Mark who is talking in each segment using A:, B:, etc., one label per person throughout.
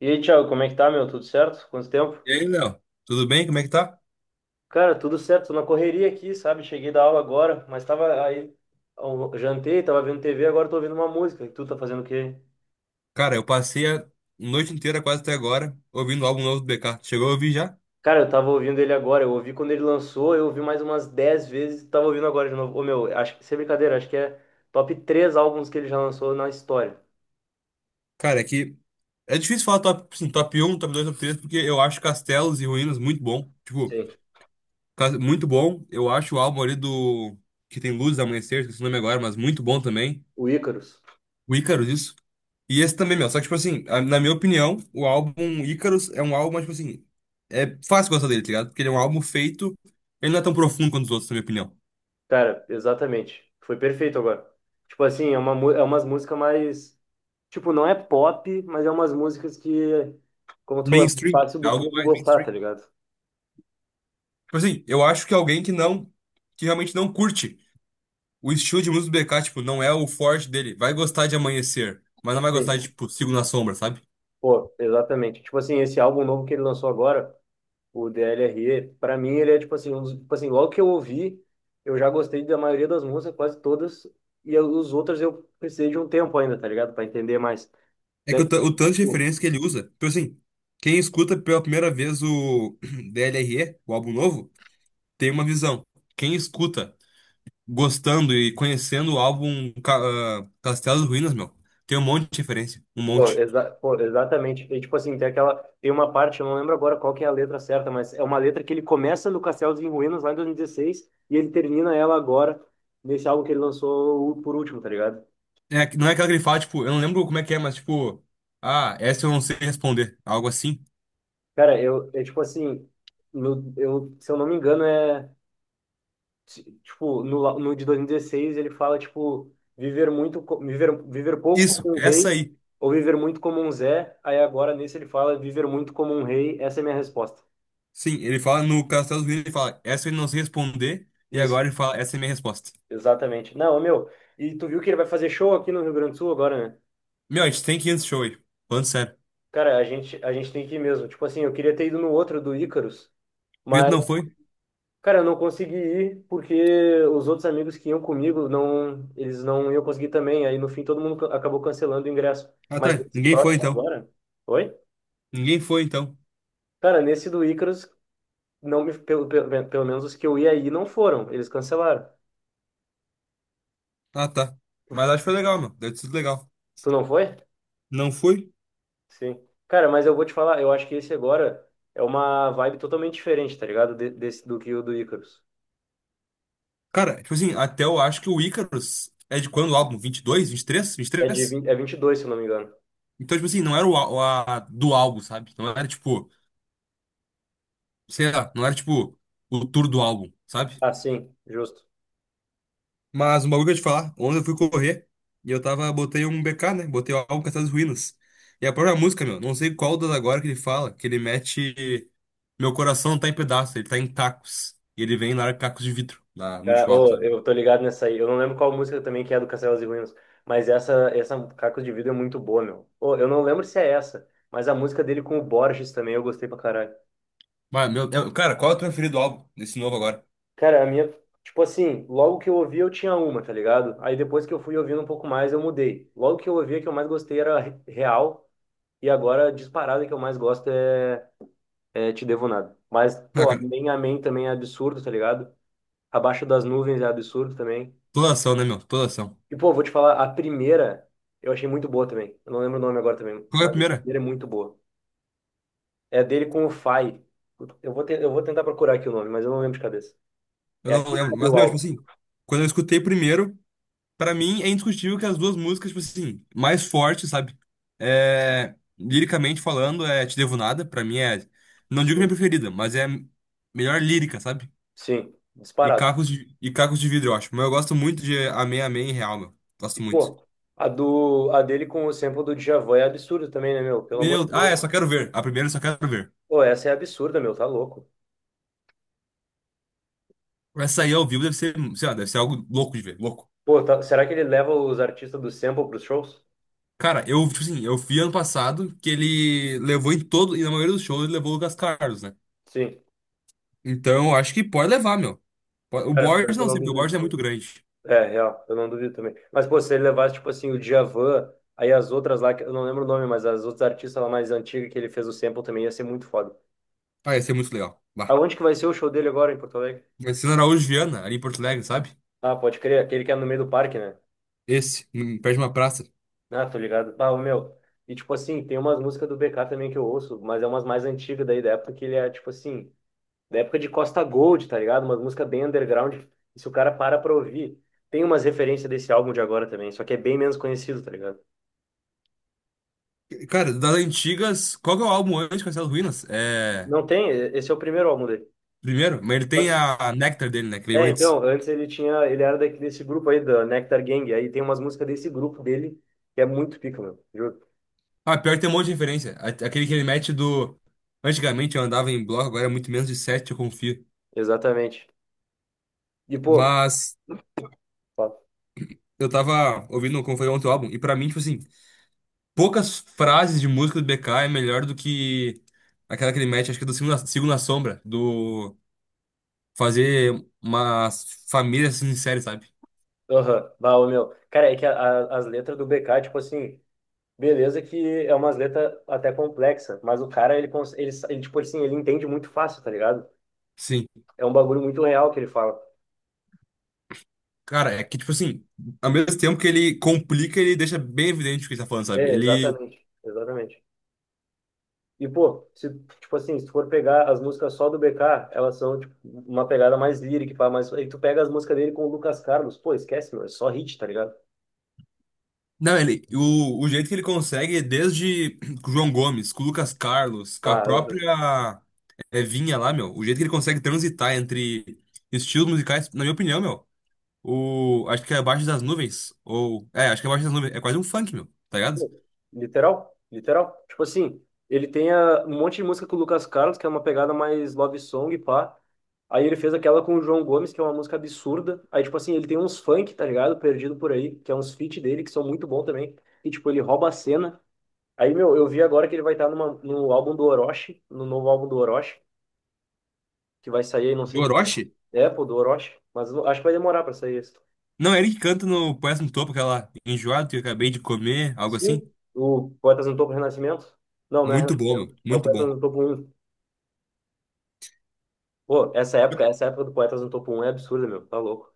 A: E aí, Thiago, como é que tá, meu? Tudo certo? Quanto tempo?
B: E aí, Léo? Tudo bem? Como é que tá?
A: Cara, tudo certo, tô na correria aqui, sabe? Cheguei da aula agora, mas tava aí, eu jantei, tava vendo TV, agora tô ouvindo uma música. E tu tá fazendo o quê?
B: Cara, eu passei a noite inteira, quase até agora, ouvindo o álbum novo do BK. Chegou a ouvir já?
A: Cara, eu tava ouvindo ele agora, eu ouvi quando ele lançou, eu ouvi mais umas 10 vezes, tava ouvindo agora de novo. Ô, meu, acho que, sem brincadeira, acho que é top 3 álbuns que ele já lançou na história.
B: Cara, é que é difícil falar top, assim, top 1, top 2, top 3, porque eu acho Castelos e Ruínas muito bom. Tipo,
A: Sim.
B: muito bom. Eu acho o álbum ali do. Que tem Luzes Amanhecer, esqueci o nome agora, mas muito bom também.
A: O Ícaros.
B: O Ícaros, isso. E esse também, meu. Só que, tipo assim, na minha opinião, o álbum Ícaros é um álbum, mas, tipo assim. É fácil gostar dele, tá ligado? Porque ele é um álbum feito. Ele não é tão profundo quanto os outros, na minha opinião.
A: Cara, exatamente. Foi perfeito agora. Tipo assim, é umas músicas mais. Tipo, não é pop, mas é umas músicas que, como tu falou, é muito
B: Mainstream,
A: fácil
B: é
A: do
B: algo
A: povo
B: mais
A: gostar,
B: mainstream.
A: tá ligado?
B: Tipo assim, eu acho que alguém que não, que realmente não curte o estilo de música do BK, tipo, não é o forte dele, vai gostar de Amanhecer, mas não vai gostar de,
A: Sim.
B: tipo, Sigo na Sombra, sabe?
A: Pô, exatamente. Tipo assim, esse álbum novo que ele lançou agora, o DLRE, pra mim ele é tipo assim, um dos, tipo assim, logo que eu ouvi, eu já gostei da maioria das músicas, quase todas, e os outros eu precisei de um tempo ainda, tá ligado? Pra entender mais.
B: É que
A: Daí,
B: o, o tanto de
A: tipo,
B: referência que ele usa, tipo assim, quem escuta pela primeira vez o DLRE, o álbum novo, tem uma visão. Quem escuta gostando e conhecendo o álbum Castelo e Ruínas, meu, tem um monte de referência, um
A: pô,
B: monte.
A: exatamente. E, tipo assim, tem aquela. Tem uma parte, eu não lembro agora qual que é a letra certa, mas é uma letra que ele começa no Castelos em Ruínas lá em 2016 e dezesseis e ele termina ela agora, nesse álbum que ele lançou por último, tá ligado?
B: É, não é aquela que ele fala, tipo, eu não lembro como é que é, mas tipo, ah, essa eu não sei responder, algo assim.
A: Cara, eu. É tipo assim. No, eu, se eu não me engano, é. Tipo, no, no de 2016 ele fala, tipo, viver muito. Viver pouco
B: Isso,
A: como um
B: essa
A: rei
B: aí.
A: ou viver muito como um Zé. Aí agora nesse ele fala viver muito como um rei. Essa é a minha resposta.
B: Sim, ele fala no Castelo Unidos, ele fala, essa eu não sei responder, e
A: Isso.
B: agora ele fala, essa é a minha resposta.
A: Exatamente. Não, ô, meu, e tu viu que ele vai fazer show aqui no Rio Grande do Sul agora, né?
B: Meu, a gente tem que ir nesse show aí. Falando sério.
A: Cara, a gente tem que ir mesmo. Tipo assim, eu queria ter ido no outro do Ícaros,
B: Por que tu
A: mas,
B: não foi?
A: cara, eu não consegui ir porque os outros amigos que iam comigo, não, eles não iam conseguir também. Aí no fim todo mundo acabou cancelando o ingresso.
B: Ah,
A: Mas
B: tá.
A: esse
B: Ninguém foi
A: próximo
B: então.
A: agora. Oi?
B: Ninguém foi então.
A: Cara, nesse do Ícaros, não me, pelo menos os que eu ia aí não foram. Eles cancelaram.
B: Ah, tá. Mas acho que foi legal, meu. Deve ter sido legal.
A: Tu não foi?
B: Não foi?
A: Sim. Cara, mas eu vou te falar, eu acho que esse agora é uma vibe totalmente diferente, tá ligado? Desse, do que o do Icarus.
B: Cara, tipo assim, até eu acho que o Icarus é de quando o álbum? Vinte e dois, vinte e
A: É de
B: três.
A: 22 se eu não me engano.
B: Então, tipo assim, não era o, do álbum, sabe? Não era tipo. Sei lá, não era tipo o tour do álbum, sabe?
A: Ah, sim, justo.
B: Mas um bagulho que eu ia te falar, ontem eu fui correr e eu tava, botei um BK, né? Botei o álbum Castelo das Ruínas. E a própria música, meu, não sei qual das agora que ele fala, que ele mete: meu coração não tá em pedaços, ele tá em tacos. E ele vem e larga cacos de vidro no
A: Cara,
B: último álbum,
A: ô,
B: sabe?
A: eu tô ligado nessa aí. Eu não lembro qual música também que é do Castelos e Ruínas, mas essa Cacos de Vidro é muito boa, meu. Ô, eu não lembro se é essa, mas a música dele com o Borges também eu gostei pra caralho.
B: Mas, meu, cara, qual é o teu preferido álbum desse novo agora?
A: Cara, a minha, tipo assim, logo que eu ouvi eu tinha uma, tá ligado? Aí depois que eu fui ouvindo um pouco mais eu mudei. Logo que eu ouvi a que eu mais gostei era Real. E agora, a disparada que eu mais gosto é, Te Devo Nada. Mas,
B: Ah,
A: pô,
B: cara,
A: Amém também é absurdo, tá ligado? Abaixo das Nuvens é absurdo também.
B: toda ação, né, meu? Toda ação.
A: E, pô, vou te falar, a primeira eu achei muito boa também. Eu não lembro o nome agora também,
B: Qual é a
A: mas a
B: primeira?
A: primeira é muito boa. É dele com o Fai. Eu vou tentar procurar aqui o nome, mas eu não lembro de cabeça.
B: Eu
A: É
B: não
A: aqui que
B: lembro.
A: abre
B: Mas,
A: o
B: meu, tipo
A: álbum.
B: assim, quando eu escutei primeiro. Pra mim, é indiscutível que as duas músicas, tipo assim, mais fortes, sabe? É, liricamente falando, é Te Devo Nada. Pra mim é. Não digo minha
A: Sim.
B: preferida, mas é a melhor lírica, sabe?
A: Sim,
B: E
A: disparado.
B: Cacos de, e Cacos de Vidro, eu acho. Mas eu gosto muito de Amém, Amém em Real, meu.
A: E,
B: Gosto muito.
A: pô, a, dele com o sample do Djavan é absurdo também, né, meu? Pelo amor
B: Meu,
A: de
B: ah, é Só
A: Deus.
B: Quero Ver. A primeira, é Só Quero Ver.
A: Pô, essa é absurda, meu, tá louco.
B: Essa aí ao vivo deve ser, sei lá, deve ser algo louco de ver, louco.
A: Pô, será que ele leva os artistas do Sample pros shows?
B: Cara, eu, tipo assim, eu vi ano passado que ele levou em todo, e na maioria dos shows ele levou o Lucas Carlos, né?
A: Sim.
B: Então, acho que pode levar, meu. O
A: Cara, pior
B: Borges
A: que eu
B: não
A: não
B: sei, porque o
A: duvido
B: Borges é
A: também.
B: muito grande.
A: É, real, eu não duvido também. Mas, pô, se ele levasse, tipo assim, o Djavan, aí as outras lá, que eu não lembro o nome, mas as outras artistas lá mais antigas que ele fez o Sample também ia ser muito foda.
B: Ah, ia ser muito legal. Lá.
A: Aonde que vai ser o show dele agora em Porto Alegre?
B: Marcelo Araújo Viana, ali em Porto Alegre, sabe?
A: Ah, pode crer, aquele que é no meio do parque, né?
B: Esse, perto de uma praça.
A: Ah, tô ligado. Ah, ô, meu. E, tipo assim, tem umas músicas do BK também que eu ouço, mas é umas mais antigas daí, da época que ele é, tipo assim. Da época de Costa Gold, tá ligado? Uma música bem underground. E se o cara para pra ouvir, tem umas referências desse álbum de agora também, só que é bem menos conhecido, tá ligado?
B: Cara, das antigas, qual que é o álbum antes de Castelo Ruínas? É.
A: Não tem, esse é o primeiro álbum dele.
B: Primeiro, mas ele
A: Só
B: tem
A: que,
B: a, Nectar dele, né? Que veio
A: é,
B: antes.
A: então, antes ele tinha, ele era daqui desse grupo aí, da Nectar Gang, aí tem umas músicas desse grupo dele, que é muito pica, meu, juro.
B: Ah, pior que tem um monte de referência. Aquele que ele mete do. Antigamente eu andava em bloco, agora é muito menos de sete, eu confio.
A: Exatamente. E, pô,
B: Mas
A: ó,
B: eu tava ouvindo como foi ontem o álbum, e pra mim, tipo assim. Poucas frases de música do BK é melhor do que aquela que ele mete, acho que é do Sigo na Sombra, do fazer uma família se sincera, sabe?
A: aham, bah, ô, meu, cara, é que as letras do BK, tipo assim, beleza que é umas letras até complexa, mas o cara, ele, tipo assim, ele entende muito fácil, tá ligado?
B: Sim.
A: É um bagulho muito real que ele fala.
B: Cara, é que, tipo assim, ao mesmo tempo que ele complica, ele deixa bem evidente o que ele tá falando, sabe?
A: É,
B: Ele.
A: exatamente. Exatamente. E, pô, se, tipo assim, se tu for pegar as músicas só do BK, elas são, tipo, uma pegada mais lírica, pá, mas aí tu pega as músicas dele com o Lucas Carlos, pô, esquece, meu, é só hit, tá ligado?
B: Não, ele. O jeito que ele consegue, desde com o João Gomes, com o Lucas Carlos, com a
A: Ah,
B: própria é, Vinha lá, meu, o jeito que ele consegue transitar entre estilos musicais, na minha opinião, meu. O, acho que é Abaixo das Nuvens. Ou. É, acho que é Abaixo das Nuvens. É quase um funk, meu, tá ligado?
A: pô, literal, literal. Tipo assim, ele tem um monte de música com o Lucas Carlos, que é uma pegada mais love song, pá. Aí ele fez aquela com o João Gomes, que é uma música absurda. Aí, tipo assim, ele tem uns funk, tá ligado? Perdido por aí, que é uns feat dele, que são muito bom também. E, tipo, ele rouba a cena. Aí, meu, eu vi agora que ele vai estar numa, no álbum do Orochi, no novo álbum do Orochi, que vai sair aí, não
B: Do
A: sei.
B: Orochi?
A: É, pô, do Orochi. Mas eu acho que vai demorar pra sair esse.
B: Não, é ele que canta no Poeta no Topo, aquela enjoado que eu acabei de comer, algo assim.
A: Sim. O Poetas no Topo Renascimento? Não, não é
B: Muito bom, meu.
A: Renascimento. É o
B: Muito
A: Poetas
B: bom.
A: no Topo Um. Pô, essa época do Poetas no Topo Um é absurda, meu. Tá louco.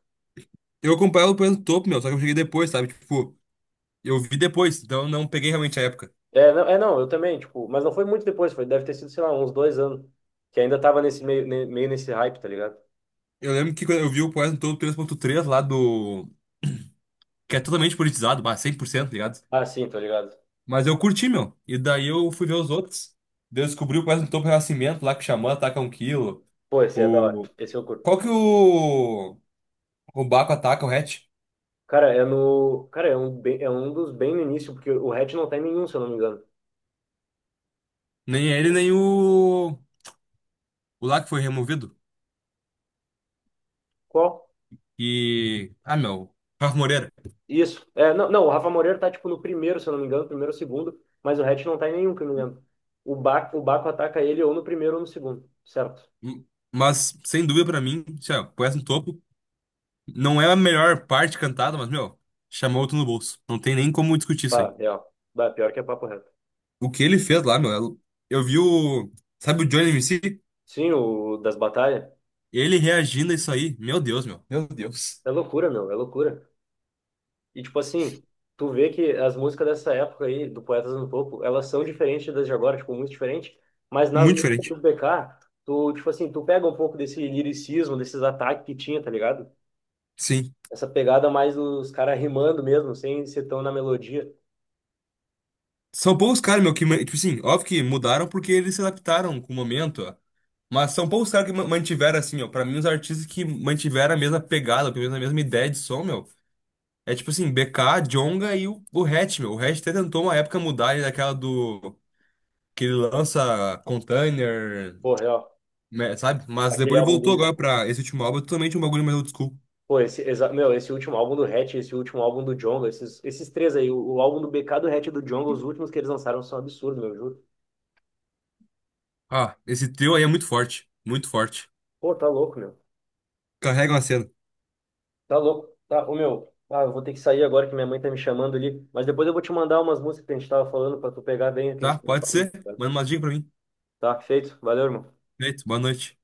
B: Eu acompanhava o Poeta no Topo, meu, só que eu cheguei depois, sabe? Tipo, eu vi depois, então eu não peguei realmente a época.
A: É, não, eu também, tipo, mas não foi muito depois, foi, deve ter sido, sei lá, uns 2 anos. Que ainda tava nesse meio, meio nesse hype, tá ligado?
B: Eu lembro que quando eu vi o Poeta no Topo 3.3 lá do. Que é totalmente politizado, bah, 100%, tá ligado?
A: Ah, sim, tô ligado.
B: Mas eu curti, meu. E daí eu fui ver os outros. Daí eu descobri o Poeta no Topo Renascimento lá que o Xamã ataca um quilo.
A: Pô, esse é da hora. Esse eu curto.
B: Qual que o Baco ataca o Hatch?
A: Cara, é no. Cara, é um dos bem no início, porque o Hatch não tá em nenhum, se eu não me engano.
B: Nem ele, nem o, lá que foi removido.
A: Qual?
B: E. Ah, meu. Rafa Moreira.
A: Isso. É, não, não, o Rafa Moreira tá tipo no primeiro, se eu não me engano, primeiro ou segundo, mas o Hatch não tá em nenhum, que eu me lembro. O Baco ataca ele ou no primeiro ou no segundo, certo?
B: M- Mas, sem dúvida pra mim, se ó, pôs no topo. Não é a melhor parte cantada, mas, meu, chamou outro no bolso. Não tem nem como discutir isso aí.
A: Bah, real. Bah, pior que é papo reto.
B: O que ele fez lá, meu. Eu vi o. Sabe o Johnny MC?
A: Sim, o das batalhas.
B: Ele reagindo a isso aí. Meu Deus, meu. Meu Deus.
A: É loucura, meu, é loucura. E, tipo assim, tu vê que as músicas dessa época aí, do Poetas no Topo, elas são diferentes das de agora, tipo, muito diferentes. Mas nas
B: Muito
A: músicas
B: diferente.
A: do BK, tu, tipo assim, tu pega um pouco desse liricismo, desses ataques que tinha, tá ligado?
B: Sim.
A: Essa pegada mais dos caras rimando mesmo, sem ser tão na melodia.
B: São poucos caras, meu, que, tipo assim, óbvio que mudaram porque eles se adaptaram com o momento, ó. Mas são poucos caras que mantiveram, assim, ó. Pra mim, os artistas que mantiveram a mesma pegada, pelo menos a mesma ideia de som, meu. É tipo assim, BK, Djonga e o, Hatch, meu. O Hatch até tentou uma época mudar ele daquela do. Que ele lança container,
A: Pô, real.
B: né, sabe? Mas
A: Aquele
B: depois ele
A: álbum
B: voltou
A: dele,
B: agora
A: né?
B: pra esse último álbum, é totalmente um bagulho mais old school.
A: Pô, esse, meu, esse último álbum do Hatch, esse último álbum do Djonga, esses três aí, o álbum do BK, do Hatch e do Djonga, os últimos que eles lançaram são absurdos, meu, eu juro.
B: Ah, esse trio aí é muito forte, muito forte.
A: Pô, tá louco, meu.
B: Carrega uma cena.
A: Tá louco? Tá, ô meu, eu vou ter que sair agora que minha mãe tá me chamando ali, mas depois eu vou te mandar umas músicas que a gente tava falando pra tu pegar bem o que a
B: Tá?
A: gente tava
B: Pode
A: falando,
B: ser? Manda
A: cara.
B: uma dica pra mim.
A: Tá feito? Valeu, irmão.
B: Feito, boa noite.